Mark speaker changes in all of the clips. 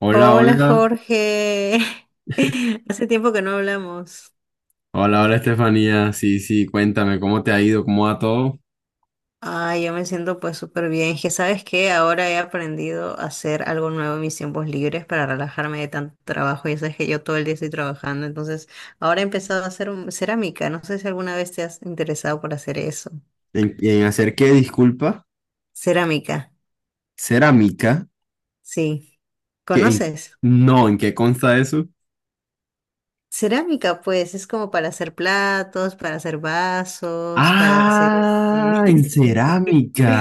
Speaker 1: Hola,
Speaker 2: Hola,
Speaker 1: hola.
Speaker 2: Jorge, hace tiempo que no hablamos.
Speaker 1: Hola, hola, Estefanía. Sí, sí, cuéntame, ¿cómo te ha ido? ¿Cómo va todo?
Speaker 2: Ay, yo me siento pues súper bien. Que sabes que ahora he aprendido a hacer algo nuevo en mis tiempos libres para relajarme de tanto trabajo. Ya sabes que yo todo el día estoy trabajando, entonces ahora he empezado a hacer cerámica. No sé si alguna vez te has interesado por hacer eso.
Speaker 1: En hacer qué, disculpa?
Speaker 2: Cerámica,
Speaker 1: ¿Cerámica?
Speaker 2: sí.
Speaker 1: ¿Qué, en-
Speaker 2: ¿Conoces?
Speaker 1: no, ¿en qué consta eso?
Speaker 2: Cerámica, pues es como para hacer platos, para hacer vasos, para hacer este.
Speaker 1: Ah, en cerámica.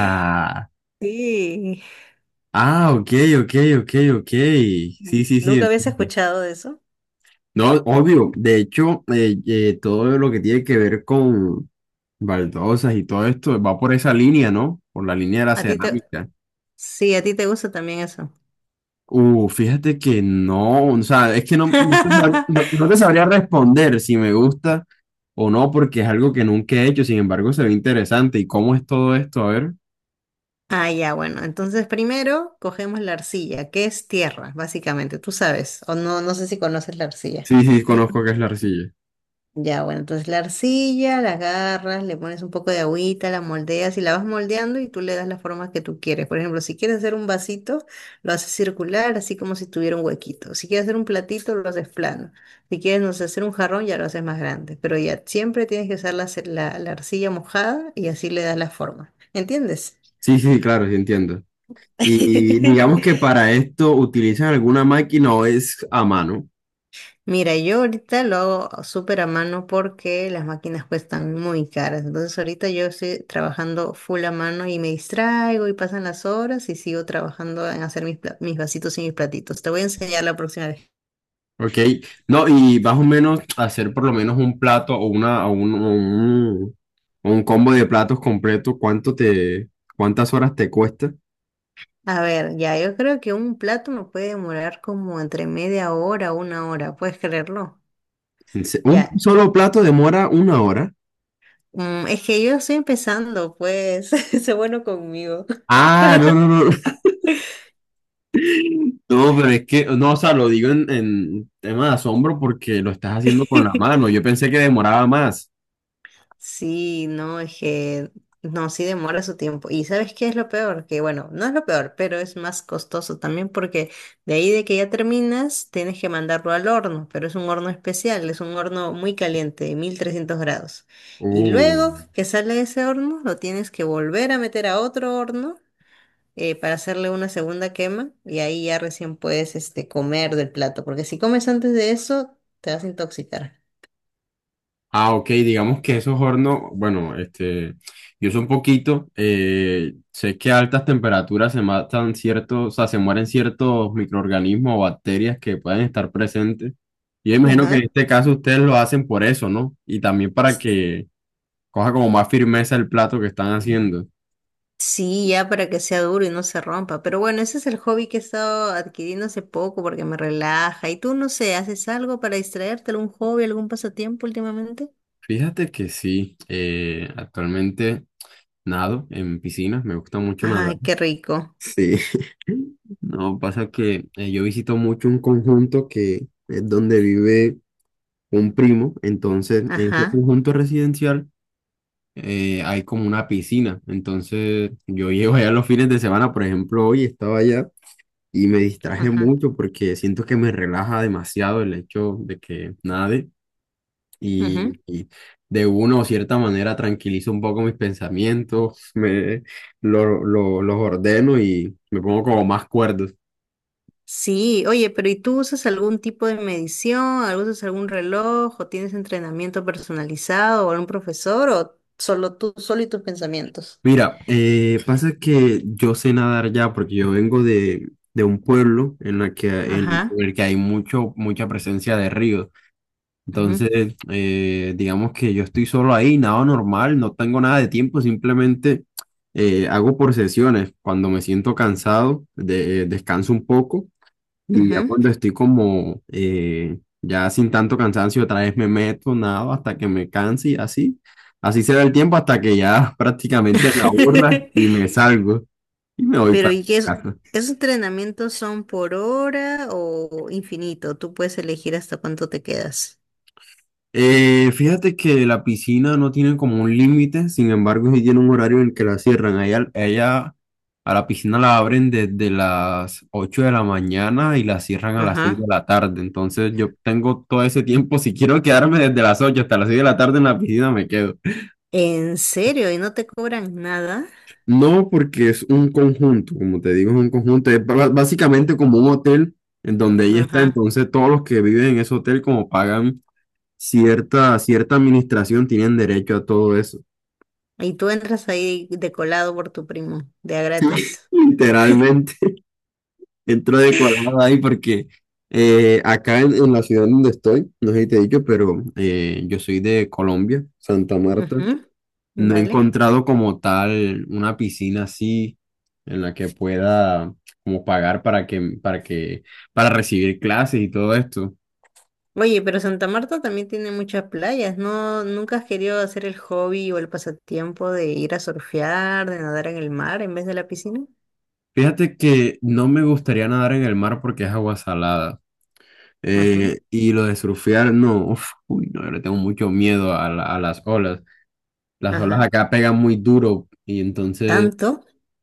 Speaker 2: Sí.
Speaker 1: Ah, ok, ok, ok, ok. Sí, sí, sí,
Speaker 2: Nunca habías
Speaker 1: entiendo.
Speaker 2: escuchado de eso.
Speaker 1: No, obvio. De hecho, todo lo que tiene que ver con baldosas y todo esto va por esa línea, ¿no? Por la línea de la
Speaker 2: A ti te...
Speaker 1: cerámica.
Speaker 2: Sí, a ti te gusta también eso.
Speaker 1: Fíjate que no, o sea, es que no, no te sabría responder si me gusta o no, porque es algo que nunca he hecho, sin embargo se ve interesante. ¿Y cómo es todo esto? A ver.
Speaker 2: Ah, ya, bueno. Entonces primero cogemos la arcilla, que es tierra, básicamente. Tú sabes, o no, no sé si conoces la arcilla.
Speaker 1: Sí, sí, conozco qué es la arcilla.
Speaker 2: Ya, bueno, entonces la arcilla, la agarras, le pones un poco de agüita, la moldeas y la vas moldeando y tú le das las formas que tú quieres. Por ejemplo, si quieres hacer un vasito, lo haces circular, así como si tuviera un huequito. Si quieres hacer un platito, lo haces plano. Si quieres, no sé, hacer un jarrón, ya lo haces más grande. Pero ya siempre tienes que usar la, ce- la la arcilla mojada y así le das la forma. ¿Entiendes?
Speaker 1: Sí, sí, claro, sí entiendo. Y digamos que para esto utilizan alguna máquina o es a mano,
Speaker 2: Mira, yo ahorita lo hago súper a mano porque las máquinas cuestan muy caras. Entonces ahorita yo estoy trabajando full a mano y me distraigo y pasan las horas y sigo trabajando en hacer mis vasitos y mis platitos. Te voy a enseñar la próxima vez.
Speaker 1: ¿ok? No, y más o menos hacer por lo menos un plato o una, o un, o un, o un combo de platos completo, ¿cuántas horas te cuesta?
Speaker 2: A ver, ya, yo creo que un plato me puede demorar como entre media hora o una hora, ¿puedes creerlo?
Speaker 1: Un
Speaker 2: Ya,
Speaker 1: solo plato demora una hora.
Speaker 2: es que yo estoy empezando, pues, sé bueno conmigo.
Speaker 1: Ah, no, no, no. No, pero es que, no, o sea, lo digo en tema de asombro porque lo estás haciendo con la mano. Yo pensé que demoraba más.
Speaker 2: Sí, no, es que no, sí demora su tiempo. ¿Y sabes qué es lo peor? Que bueno, no es lo peor, pero es más costoso también porque de ahí de que ya terminas, tienes que mandarlo al horno, pero es un horno especial, es un horno muy caliente, de 1300 grados. Y
Speaker 1: Uh.
Speaker 2: luego que sale de ese horno, lo tienes que volver a meter a otro horno para hacerle una segunda quema y ahí ya recién puedes comer del plato, porque si comes antes de eso, te vas a intoxicar.
Speaker 1: Ah, ok, digamos que esos hornos, bueno, este, yo sé un poquito, sé que a altas temperaturas se matan ciertos, o sea, se mueren ciertos microorganismos o bacterias que pueden estar presentes. Yo imagino que en
Speaker 2: Ajá.
Speaker 1: este caso ustedes lo hacen por eso, ¿no? Y también para que coja como más firmeza el plato que están haciendo.
Speaker 2: Sí, ya para que sea duro y no se rompa. Pero bueno, ese es el hobby que he estado adquiriendo hace poco porque me relaja. ¿Y tú, no sé, haces algo para distraerte? ¿Algún hobby, algún pasatiempo últimamente?
Speaker 1: Fíjate que sí, actualmente nado en piscinas, me gusta mucho nadar.
Speaker 2: Ay, qué rico.
Speaker 1: Sí. No, pasa que yo visito mucho un conjunto que es donde vive un primo, entonces en ese
Speaker 2: Ajá,
Speaker 1: conjunto residencial hay como una piscina, entonces yo llego allá los fines de semana, por ejemplo, hoy estaba allá y me distraje
Speaker 2: ajá.
Speaker 1: mucho porque siento que me relaja demasiado el hecho de que nade
Speaker 2: Ujú.
Speaker 1: y de una o cierta manera tranquilizo un poco mis pensamientos, los ordeno y me pongo como más cuerdos.
Speaker 2: Sí, oye, pero ¿y tú usas algún tipo de medición? ¿Algo? ¿Usas algún reloj? ¿O tienes entrenamiento personalizado? ¿O algún profesor? ¿O solo tú, solo y tus pensamientos?
Speaker 1: Mira, pasa que yo sé nadar ya porque yo vengo de un pueblo en
Speaker 2: Ajá.
Speaker 1: el que hay mucho, mucha presencia de ríos.
Speaker 2: Ujú,
Speaker 1: Entonces, digamos que yo estoy solo ahí, nado normal, no tengo nada de tiempo, simplemente hago por sesiones. Cuando me siento cansado, descanso un poco. Y ya
Speaker 2: ujú.
Speaker 1: cuando estoy como ya sin tanto cansancio, otra vez me meto, nado hasta que me canse y así. Así se da el tiempo hasta que ya prácticamente me aburra y me salgo y me voy
Speaker 2: Pero
Speaker 1: para
Speaker 2: ¿y qué es,
Speaker 1: casa.
Speaker 2: esos entrenamientos son por hora o infinito? Tú puedes elegir hasta cuánto te quedas.
Speaker 1: Fíjate que la piscina no tiene como un límite, sin embargo, sí tiene un horario en el que la cierran. Ella a la piscina la abren desde las 8 de la mañana y la cierran a las 6 de
Speaker 2: Ajá.
Speaker 1: la tarde. Entonces yo tengo todo ese tiempo. Si quiero quedarme desde las 8 hasta las 6 de la tarde en la piscina, me quedo.
Speaker 2: ¿En serio? ¿Y no te cobran nada?
Speaker 1: No, porque es un conjunto, como te digo, es un conjunto, es básicamente como un hotel en donde ella está,
Speaker 2: Ajá.
Speaker 1: entonces todos los que viven en ese hotel como pagan cierta administración tienen derecho a todo eso.
Speaker 2: Y tú entras ahí de colado por tu primo, de a gratis.
Speaker 1: Literalmente, entro decorada ahí porque acá en la ciudad donde estoy, no sé si te he dicho, pero yo soy de Colombia, Santa Marta.
Speaker 2: Ujú.
Speaker 1: No he
Speaker 2: Vale.
Speaker 1: encontrado como tal una piscina así en la que pueda como pagar para recibir clases y todo esto.
Speaker 2: Oye, pero Santa Marta también tiene muchas playas, ¿no? ¿Nunca has querido hacer el hobby o el pasatiempo de ir a surfear, de nadar en el mar en vez de la piscina?
Speaker 1: Fíjate que no me gustaría nadar en el mar porque es agua salada.
Speaker 2: Ajá.
Speaker 1: Y lo de surfear, no, uf, uy, no, yo le tengo mucho miedo a, a las olas. Las olas
Speaker 2: Ajá.
Speaker 1: acá pegan muy duro y entonces,
Speaker 2: ¿Tanto?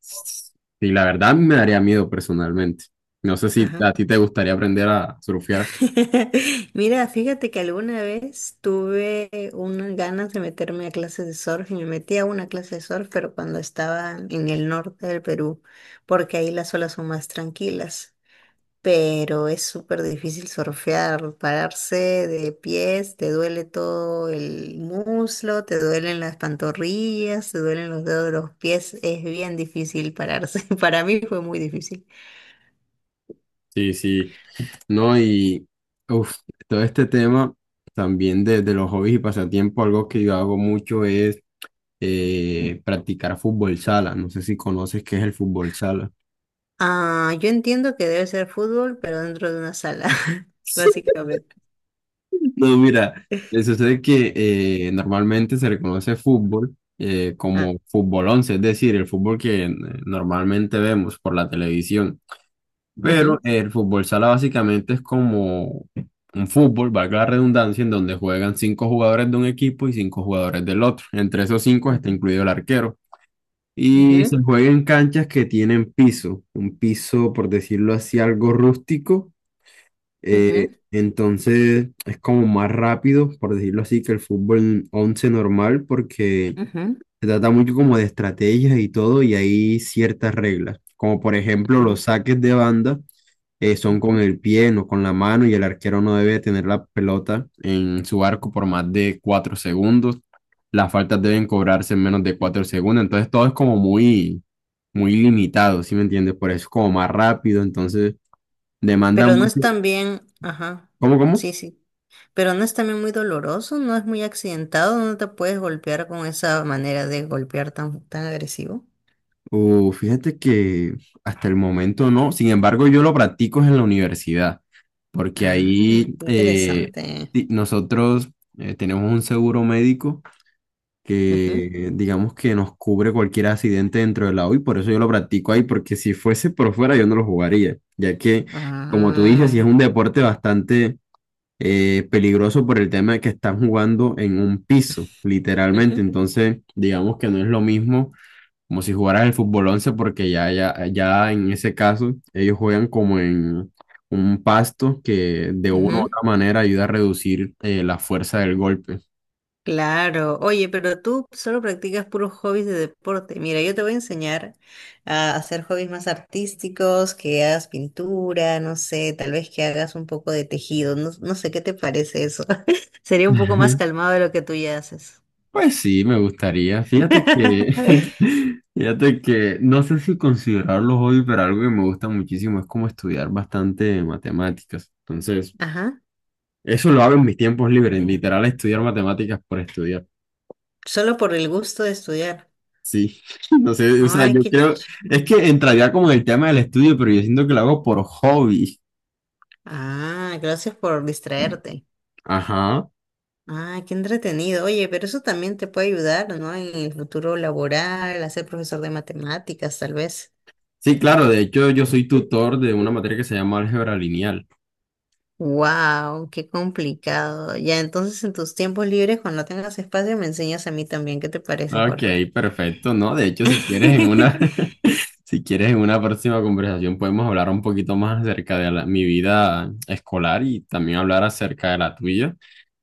Speaker 1: sí, la verdad a mí me daría miedo personalmente. No sé si
Speaker 2: Ajá.
Speaker 1: a ti te gustaría aprender a surfear.
Speaker 2: Mira, fíjate que alguna vez tuve unas ganas de meterme a clases de surf y me metí a una clase de surf, pero cuando estaba en el norte del Perú, porque ahí las olas son más tranquilas. Pero es súper difícil surfear, pararse de pies, te duele todo el muslo, te duelen las pantorrillas, te duelen los dedos de los pies, es bien difícil pararse. Para mí fue muy difícil.
Speaker 1: Sí, sí. No, y uf, todo este tema también de los hobbies y pasatiempos, algo que yo hago mucho es practicar fútbol sala. No sé si conoces qué es el fútbol sala.
Speaker 2: Ah, yo entiendo que debe ser fútbol, pero dentro de una sala, básicamente.
Speaker 1: No, mira, sucede que normalmente se reconoce fútbol
Speaker 2: Ah,
Speaker 1: como fútbol once, es decir, el fútbol que normalmente vemos por la televisión. Pero
Speaker 2: ujú,
Speaker 1: el fútbol sala básicamente es como un fútbol, valga la redundancia, en donde juegan cinco jugadores de un equipo y cinco jugadores del otro. Entre esos cinco está
Speaker 2: ujú,
Speaker 1: incluido el arquero. Y se
Speaker 2: ujú,
Speaker 1: juega en canchas que tienen piso, un piso, por decirlo así, algo rústico.
Speaker 2: ujú,
Speaker 1: Entonces es como más rápido, por decirlo así, que el fútbol 11 normal, porque
Speaker 2: ujú,
Speaker 1: se trata mucho como de estrategias y todo, y hay ciertas reglas, como por ejemplo los
Speaker 2: ujú.
Speaker 1: saques de banda son con el pie, no con la mano, y el arquero no debe tener la pelota en su arco por más de cuatro segundos. Las faltas deben cobrarse en menos de cuatro segundos, entonces todo es como muy, muy limitado, ¿sí me entiendes? Por eso es como más rápido, entonces demanda
Speaker 2: Pero no es
Speaker 1: mucho.
Speaker 2: también, ajá,
Speaker 1: ¿Cómo, cómo?
Speaker 2: sí, sí. Pero no es también muy doloroso, no es muy accidentado, no te puedes golpear con esa manera de golpear tan, tan agresivo.
Speaker 1: Fíjate que hasta el momento no, sin embargo yo lo practico en la universidad, porque
Speaker 2: Ah,
Speaker 1: ahí
Speaker 2: qué interesante.
Speaker 1: nosotros tenemos un seguro médico
Speaker 2: Ujú.
Speaker 1: que digamos que nos cubre cualquier accidente dentro del agua y por eso yo lo practico ahí, porque si fuese por fuera yo no lo jugaría, ya que, como tú dices, si
Speaker 2: Ah,
Speaker 1: es un deporte bastante peligroso por el tema de que están jugando en un piso, literalmente,
Speaker 2: ujú,
Speaker 1: entonces digamos que no es lo mismo como si jugaras el fútbol 11 porque ya en ese caso ellos juegan como en... un pasto que de una u
Speaker 2: ujú.
Speaker 1: otra manera ayuda a reducir la fuerza del golpe.
Speaker 2: Claro, oye, pero tú solo practicas puros hobbies de deporte. Mira, yo te voy a enseñar a hacer hobbies más artísticos, que hagas pintura, no sé, tal vez que hagas un poco de tejido, no, no sé qué te parece eso. Sería un poco más calmado de lo que tú ya haces.
Speaker 1: Pues sí, me gustaría. Fíjate que, fíjate que no sé si considerarlo hobby, pero algo que me gusta muchísimo es como estudiar bastante matemáticas. Entonces,
Speaker 2: Ajá,
Speaker 1: eso lo hago en mis tiempos libres, literal, estudiar matemáticas por estudiar.
Speaker 2: solo por el gusto de estudiar.
Speaker 1: Sí, no sé, o sea,
Speaker 2: Ay,
Speaker 1: yo
Speaker 2: qué
Speaker 1: creo,
Speaker 2: chido.
Speaker 1: es que entraría como en el tema del estudio, pero yo siento que lo hago por hobby.
Speaker 2: Ah, gracias por distraerte.
Speaker 1: Ajá.
Speaker 2: Ah, qué entretenido. Oye, pero eso también te puede ayudar, ¿no? En el futuro laboral, a ser profesor de matemáticas, tal vez.
Speaker 1: Sí, claro, de hecho yo soy tutor de una materia que se llama álgebra lineal.
Speaker 2: Wow, qué complicado. Ya, entonces en tus tiempos libres, cuando tengas espacio, me enseñas a mí también. ¿Qué te parece, Jorge?
Speaker 1: Ok, perfecto, ¿no? De hecho, si quieres en una... Si quieres, en una próxima conversación podemos hablar un poquito más acerca de mi vida escolar y también hablar acerca de la tuya.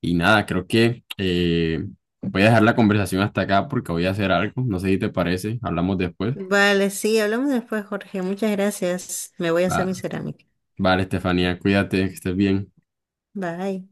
Speaker 1: Y nada, creo que voy a dejar la conversación hasta acá porque voy a hacer algo. No sé si te parece, hablamos después.
Speaker 2: Vale, sí, hablamos después, Jorge. Muchas gracias. Me voy a hacer mi
Speaker 1: Va-
Speaker 2: cerámica.
Speaker 1: Vale, Estefanía, cuídate, que estés bien.
Speaker 2: Bye.